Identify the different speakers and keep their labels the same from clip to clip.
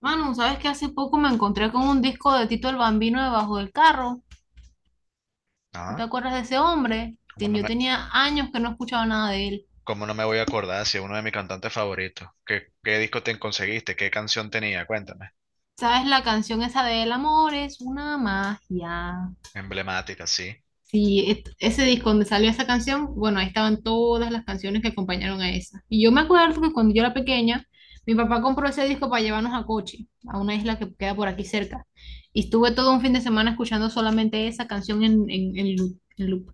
Speaker 1: Manu, ¿sabes que hace poco me encontré con un disco de Tito el Bambino debajo del carro? ¿Tú te
Speaker 2: Ah,
Speaker 1: acuerdas de ese hombre?
Speaker 2: ¿cómo no
Speaker 1: Yo
Speaker 2: me,
Speaker 1: tenía años que no escuchaba nada de él.
Speaker 2: cómo no me voy a acordar si es uno de mis cantantes favoritos? ¿Qué disco te conseguiste? ¿Qué canción tenía? Cuéntame.
Speaker 1: ¿Sabes la canción esa de El amor es una magia?
Speaker 2: Emblemática, sí.
Speaker 1: Sí, ese disco donde salió esa canción, bueno, ahí estaban todas las canciones que acompañaron a esa. Y yo me acuerdo que cuando yo era pequeña, mi papá compró ese disco para llevarnos a Coche, a una isla que queda por aquí cerca. Y estuve todo un fin de semana escuchando solamente esa canción en loop.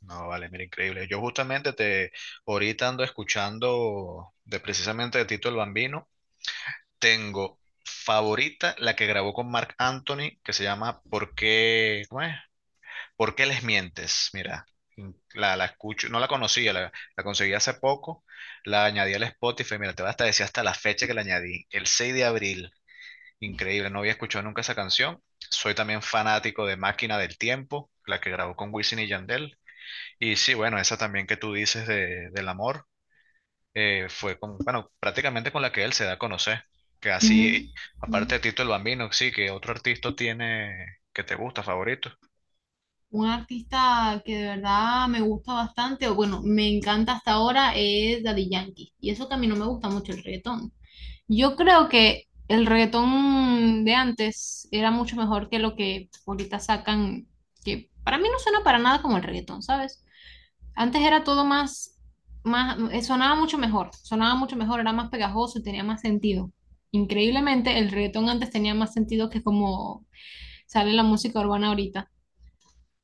Speaker 2: No, vale, mira, increíble. Yo justamente ahorita ando escuchando de precisamente de Tito el Bambino. Tengo favorita la que grabó con Marc Anthony, que se llama ¿Por qué, cómo es? ¿Por qué les mientes? Mira, la escucho, no la conocía, la conseguí hace poco. La añadí al Spotify, mira, te vas hasta decir hasta la fecha que la añadí, el 6 de abril. Increíble, no había escuchado nunca esa canción. Soy también fanático de Máquina del Tiempo, la que grabó con Wisin y Yandel. Y sí, bueno, esa también que tú dices del amor, fue bueno, prácticamente con la que él se da a conocer. Que
Speaker 1: Ujú.
Speaker 2: así,
Speaker 1: Mm.
Speaker 2: aparte de Tito el Bambino, sí, que otro artista tiene que te gusta, favorito.
Speaker 1: Un artista que de verdad me gusta bastante, o bueno, me encanta hasta ahora, es Daddy Yankee. Y eso que a mí no me gusta mucho el reggaetón. Yo creo que el reggaetón de antes era mucho mejor que lo que ahorita sacan, que para mí no suena para nada como el reggaetón, ¿sabes? Antes era todo más, sonaba mucho mejor, era más pegajoso y tenía más sentido. Increíblemente, el reggaetón antes tenía más sentido que como sale la música urbana ahorita.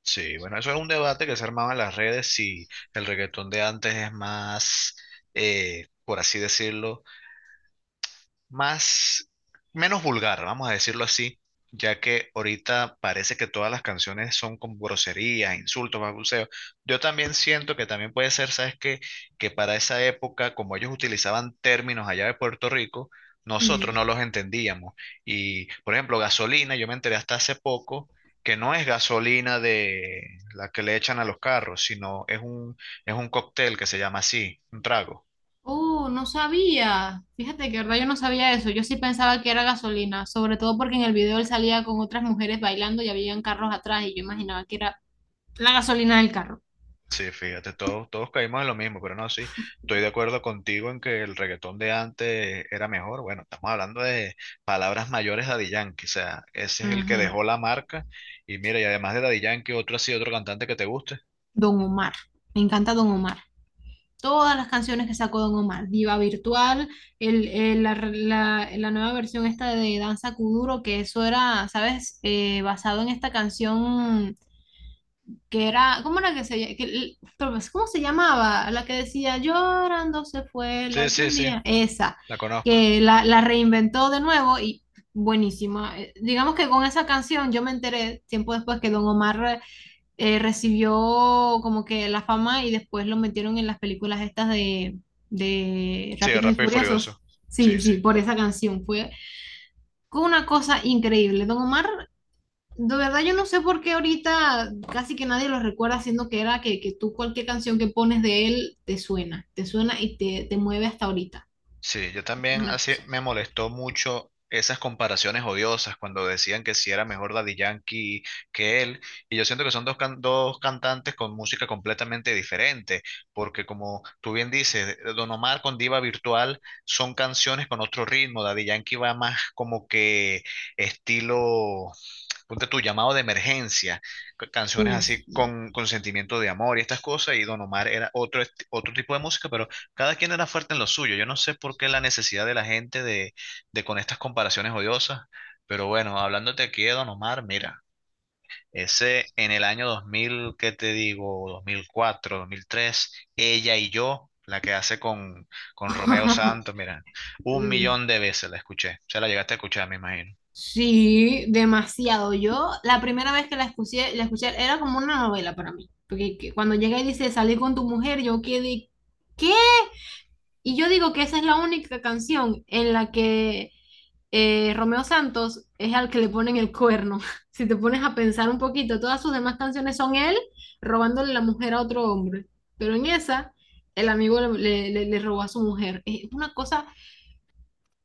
Speaker 2: Sí, bueno, eso es un debate que se armaba en las redes si el reggaetón de antes es más, por así decirlo, más, menos vulgar, vamos a decirlo así, ya que ahorita parece que todas las canciones son con groserías, insultos, balbuceos. Yo también siento que también puede ser, ¿sabes qué? Que para esa época, como ellos utilizaban términos allá de Puerto Rico, nosotros no
Speaker 1: Mm.
Speaker 2: los entendíamos. Y, por ejemplo, gasolina, yo me enteré hasta hace poco, que no es gasolina de la que le echan a los carros, sino es un cóctel que se llama así, un trago.
Speaker 1: Oh, no sabía. Fíjate que verdad yo no sabía eso. Yo sí pensaba que era gasolina, sobre todo porque en el video él salía con otras mujeres bailando y habían carros atrás y yo imaginaba que era la gasolina del carro.
Speaker 2: Sí, fíjate, todos caímos en lo mismo, pero no, sí, estoy de acuerdo contigo en que el reggaetón de antes era mejor. Bueno, estamos hablando de palabras mayores de Daddy Yankee, o sea, ese es el que
Speaker 1: Ujú.
Speaker 2: dejó la marca. Y mira, y además de Daddy Yankee, otro así, otro cantante que te guste.
Speaker 1: Don Omar. Me encanta Don Omar. Todas las canciones que sacó Don Omar. Diva Virtual, la nueva versión esta de Danza Kuduro, que eso era, ¿sabes? Basado en esta canción. Que era, ¿cómo era que se, que ¿Cómo se llamaba? La que decía, llorando se fue,
Speaker 2: Sí,
Speaker 1: la que
Speaker 2: sí,
Speaker 1: un
Speaker 2: sí,
Speaker 1: día, esa,
Speaker 2: la conozco.
Speaker 1: que la reinventó de nuevo y buenísima. Digamos que con esa canción yo me enteré tiempo después que Don Omar recibió como que la fama y después lo metieron en las películas estas de
Speaker 2: Sí,
Speaker 1: Rápidos y
Speaker 2: Rápido y
Speaker 1: Furiosos.
Speaker 2: Furioso.
Speaker 1: Sí,
Speaker 2: Sí, sí.
Speaker 1: sí, por esa canción. Fue una cosa increíble. Don Omar de verdad yo no sé por qué ahorita casi que nadie lo recuerda, siendo que era que tú cualquier canción que pones de él te suena y te mueve hasta ahorita.
Speaker 2: Sí, yo
Speaker 1: Es
Speaker 2: también
Speaker 1: una
Speaker 2: así
Speaker 1: cosa.
Speaker 2: me molestó mucho esas comparaciones odiosas cuando decían que si era mejor Daddy Yankee que él. Y yo siento que son dos cantantes con música completamente diferente, porque como tú bien dices, Don Omar con Diva Virtual son canciones con otro ritmo. Daddy Yankee va más como que estilo, ponte tu llamado de emergencia, canciones así
Speaker 1: Sí.
Speaker 2: con sentimiento de amor y estas cosas. Y Don Omar era otro, otro tipo de música, pero cada quien era fuerte en lo suyo. Yo no sé por qué la necesidad de la gente de con estas comparaciones odiosas, pero bueno, hablándote aquí de Don Omar, mira, ese en el año 2000 ¿qué te digo? dos mil cuatro 2003 ella y yo, la que hace con Romeo Santos, mira, un millón de veces la escuché. Se la llegaste a escuchar, me imagino.
Speaker 1: Sí, demasiado. Yo la primera vez que la escuché era como una novela para mí, porque cuando llega y dice salí con tu mujer, yo quedé, ¿qué? Y yo digo que esa es la única canción en la que Romeo Santos es al que le ponen el cuerno. Si te pones a pensar un poquito, todas sus demás canciones son él robándole la mujer a otro hombre. Pero en esa, el amigo le robó a su mujer. Es una cosa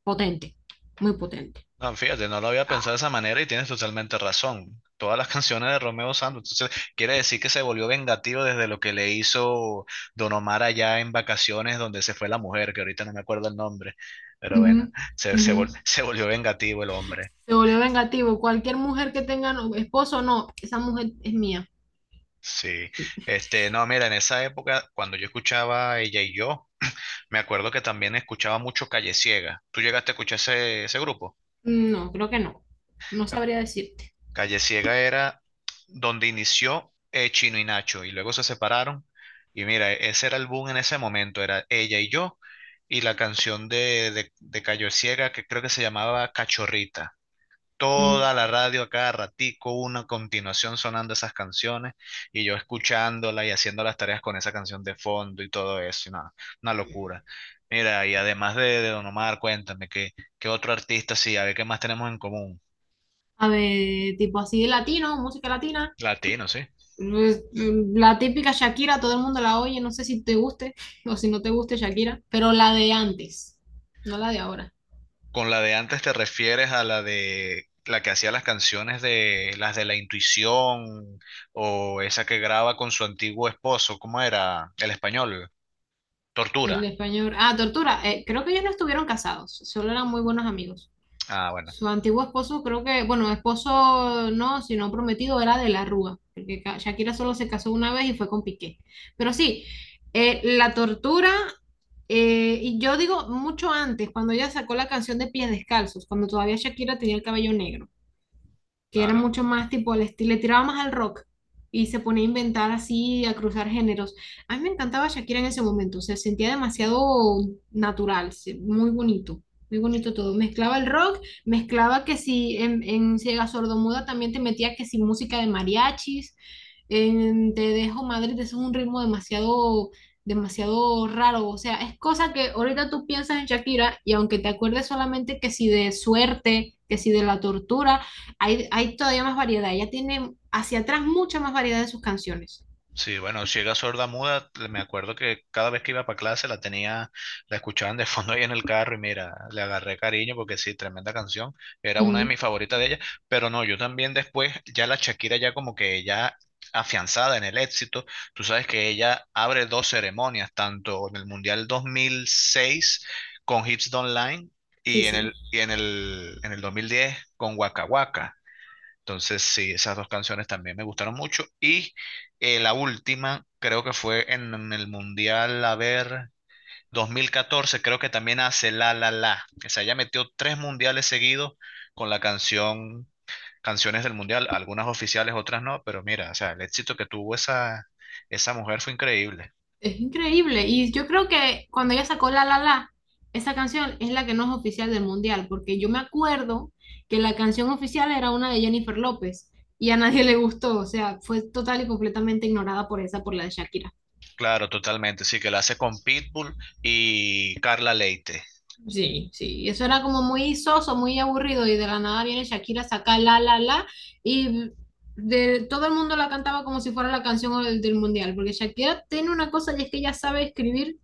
Speaker 1: potente, muy potente.
Speaker 2: No, fíjate, no lo había
Speaker 1: Ah,
Speaker 2: pensado de esa manera y tienes totalmente razón. Todas las canciones de Romeo Santos. Entonces, quiere decir que se volvió vengativo desde lo que le hizo Don Omar allá en vacaciones donde se fue la mujer, que ahorita no me acuerdo el nombre, pero
Speaker 1: uh
Speaker 2: bueno,
Speaker 1: -huh,
Speaker 2: se,
Speaker 1: uh
Speaker 2: se,
Speaker 1: -huh.
Speaker 2: vol- se volvió vengativo el hombre.
Speaker 1: Se volvió vengativo. Cualquier mujer que tenga no, esposo, no, esa mujer es mía.
Speaker 2: Sí. No, mira, en esa época, cuando yo escuchaba Ella y yo, me acuerdo que también escuchaba mucho Calle Ciega. ¿Tú llegaste a escuchar ese, ese grupo?
Speaker 1: Mm, no, creo que no. No
Speaker 2: Ca-
Speaker 1: sabría decirte.
Speaker 2: Calle Ciega era donde inició Chino y Nacho y luego se separaron. Y mira, ese era el boom en ese momento, era ella y yo y la canción de Cayo Ciega que creo que se llamaba Cachorrita.
Speaker 1: Mm.
Speaker 2: Toda la radio a cada ratico, una continuación sonando esas canciones y yo escuchándola y haciendo las tareas con esa canción de fondo y todo eso, y nada, una locura. Mira, y además de Don Omar, cuéntame, ¿qué otro artista sí? A ver, ¿qué más tenemos en común?
Speaker 1: A ver, tipo así de latino, música latina.
Speaker 2: Latino, sí.
Speaker 1: Pues, la típica Shakira, todo el mundo la oye, no sé si te guste o si no te guste Shakira, pero la de antes, no la de ahora.
Speaker 2: Con la de antes te refieres a la de la que hacía las canciones de las de la intuición o esa que graba con su antiguo esposo, ¿cómo era? El español,
Speaker 1: El
Speaker 2: Tortura.
Speaker 1: español. Ah, Tortura, creo que ellos no estuvieron casados, solo eran muy buenos amigos.
Speaker 2: Ah, bueno,
Speaker 1: Su antiguo esposo, creo que, bueno, esposo no, sino prometido era de la Rúa, porque Shakira solo se casó una vez y fue con Piqué. Pero sí, la tortura, y yo digo mucho antes, cuando ella sacó la canción de Pies Descalzos, cuando todavía Shakira tenía el cabello negro. Que
Speaker 2: no,
Speaker 1: era
Speaker 2: no.
Speaker 1: mucho más tipo el estilo, le tiraba más al rock y se ponía a inventar así, a cruzar géneros. A mí me encantaba Shakira en ese momento, se sentía demasiado natural, muy bonito todo. Mezclaba el rock, mezclaba que si en Ciega Sordomuda también te metía que si música de mariachis, en Te Dejo Madrid, eso es un ritmo demasiado... demasiado raro, o sea, es cosa que ahorita tú piensas en Shakira y aunque te acuerdes solamente que si de suerte, que si de la tortura, hay todavía más variedad. Ella tiene hacia atrás mucha más variedad de sus canciones.
Speaker 2: Sí, bueno, ciega, sorda, muda, me acuerdo que cada vez que iba para clase la tenía, la escuchaban de fondo ahí en el carro y mira, le agarré cariño porque sí, tremenda canción, era una de
Speaker 1: Ujú,
Speaker 2: mis favoritas de ella, pero no, yo también después, ya la Shakira ya como que ya afianzada en el éxito, tú sabes que ella abre dos ceremonias, tanto en el Mundial 2006 con Hips Don't Lie
Speaker 1: sí,
Speaker 2: y en
Speaker 1: sí.
Speaker 2: el, y en el, en el 2010 con Waka Waka. Entonces, sí, esas dos canciones también me gustaron mucho. Y la última, creo que fue en el Mundial, a ver, 2014 creo que también hace La La La. O sea, ella metió tres mundiales seguidos con la canción, canciones del Mundial, algunas oficiales, otras no, pero mira, o sea, el éxito que tuvo esa, esa mujer fue increíble.
Speaker 1: Es increíble. Y yo creo que cuando ella sacó La La La, esa canción es la que no es oficial del mundial, porque yo me acuerdo que la canción oficial era una de Jennifer López y a nadie le gustó. O sea, fue total y completamente ignorada por esa, por la de Shakira.
Speaker 2: Claro, totalmente. Sí, que la hace con Pitbull y Carla Leite.
Speaker 1: Sí, sí, eso era como muy soso, muy aburrido y de la nada viene Shakira saca la la la y de, todo el mundo la cantaba como si fuera la canción del mundial, porque Shakira tiene una cosa y es que ella sabe escribir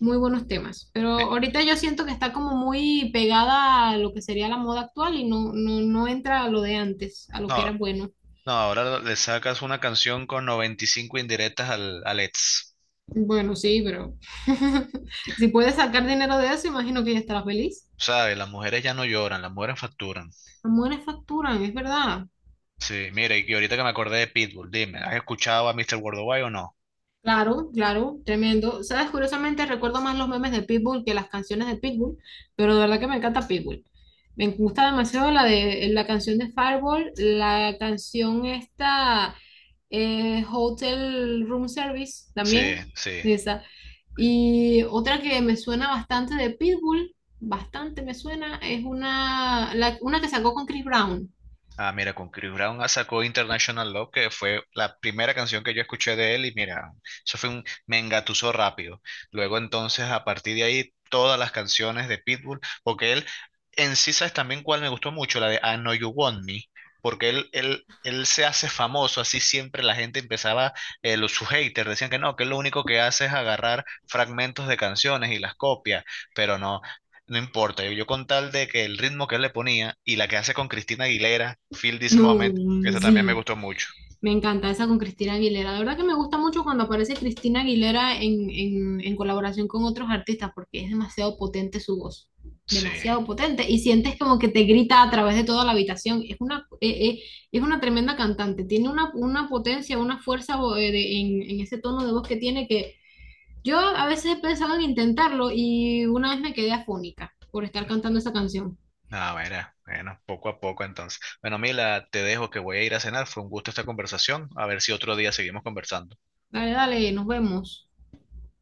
Speaker 1: muy buenos temas, pero
Speaker 2: Me-
Speaker 1: ahorita yo siento que está como muy pegada a lo que sería la moda actual y no, no, no entra a lo de antes, a lo que
Speaker 2: No,
Speaker 1: era bueno.
Speaker 2: no, ahora le sacas una canción con 95 indirectas al, al ex.
Speaker 1: Bueno, sí, pero si puedes sacar dinero de eso, imagino que ella estará feliz.
Speaker 2: ¿Sabes? Las mujeres ya no lloran, las mujeres facturan.
Speaker 1: Amores facturan, es verdad.
Speaker 2: Sí, mira y ahorita que me acordé de Pitbull, dime, ¿has escuchado a Mr. Worldwide o no?
Speaker 1: Claro, claro, tremendo. Sabes, curiosamente recuerdo más los memes de Pitbull que las canciones de Pitbull, pero de verdad que me encanta Pitbull. Me gusta demasiado la de la canción de Fireball, la canción esta Hotel Room Service
Speaker 2: Sí,
Speaker 1: también,
Speaker 2: sí.
Speaker 1: esa. Y otra que me suena bastante de Pitbull, bastante me suena, es una, una que sacó con Chris Brown.
Speaker 2: Ah, mira, con Chris Brown sacó International Love, que fue la primera canción que yo escuché de él, y mira, eso fue un me engatusó rápido. Luego entonces, a partir de ahí, todas las canciones de Pitbull, porque él, en sí, ¿sabes también cuál me gustó mucho? La de I Know You Want Me, porque él se hace famoso, así siempre la gente empezaba, los, sus haters decían que no, que él lo único que hace es agarrar fragmentos de canciones y las copia, pero no. No importa, yo con tal de que el ritmo que él le ponía y la que hace con Cristina Aguilera, Feel This
Speaker 1: No,
Speaker 2: Moment, que esa también me
Speaker 1: sí.
Speaker 2: gustó mucho.
Speaker 1: Me encanta esa con Cristina Aguilera. La verdad que me gusta mucho cuando aparece Cristina Aguilera en colaboración con otros artistas porque es demasiado potente su voz.
Speaker 2: Sí,
Speaker 1: Demasiado potente. Y sientes como que te grita a través de toda la habitación. Es una tremenda cantante. Tiene una potencia, una fuerza en ese tono de voz que tiene que yo a veces he pensado en intentarlo y una vez me quedé afónica por estar cantando esa canción.
Speaker 2: ah, mira, bueno, poco a poco entonces. Bueno, Mila, te dejo que voy a ir a cenar, fue un gusto esta conversación, a ver si otro día seguimos conversando.
Speaker 1: Dale, dale, nos vemos.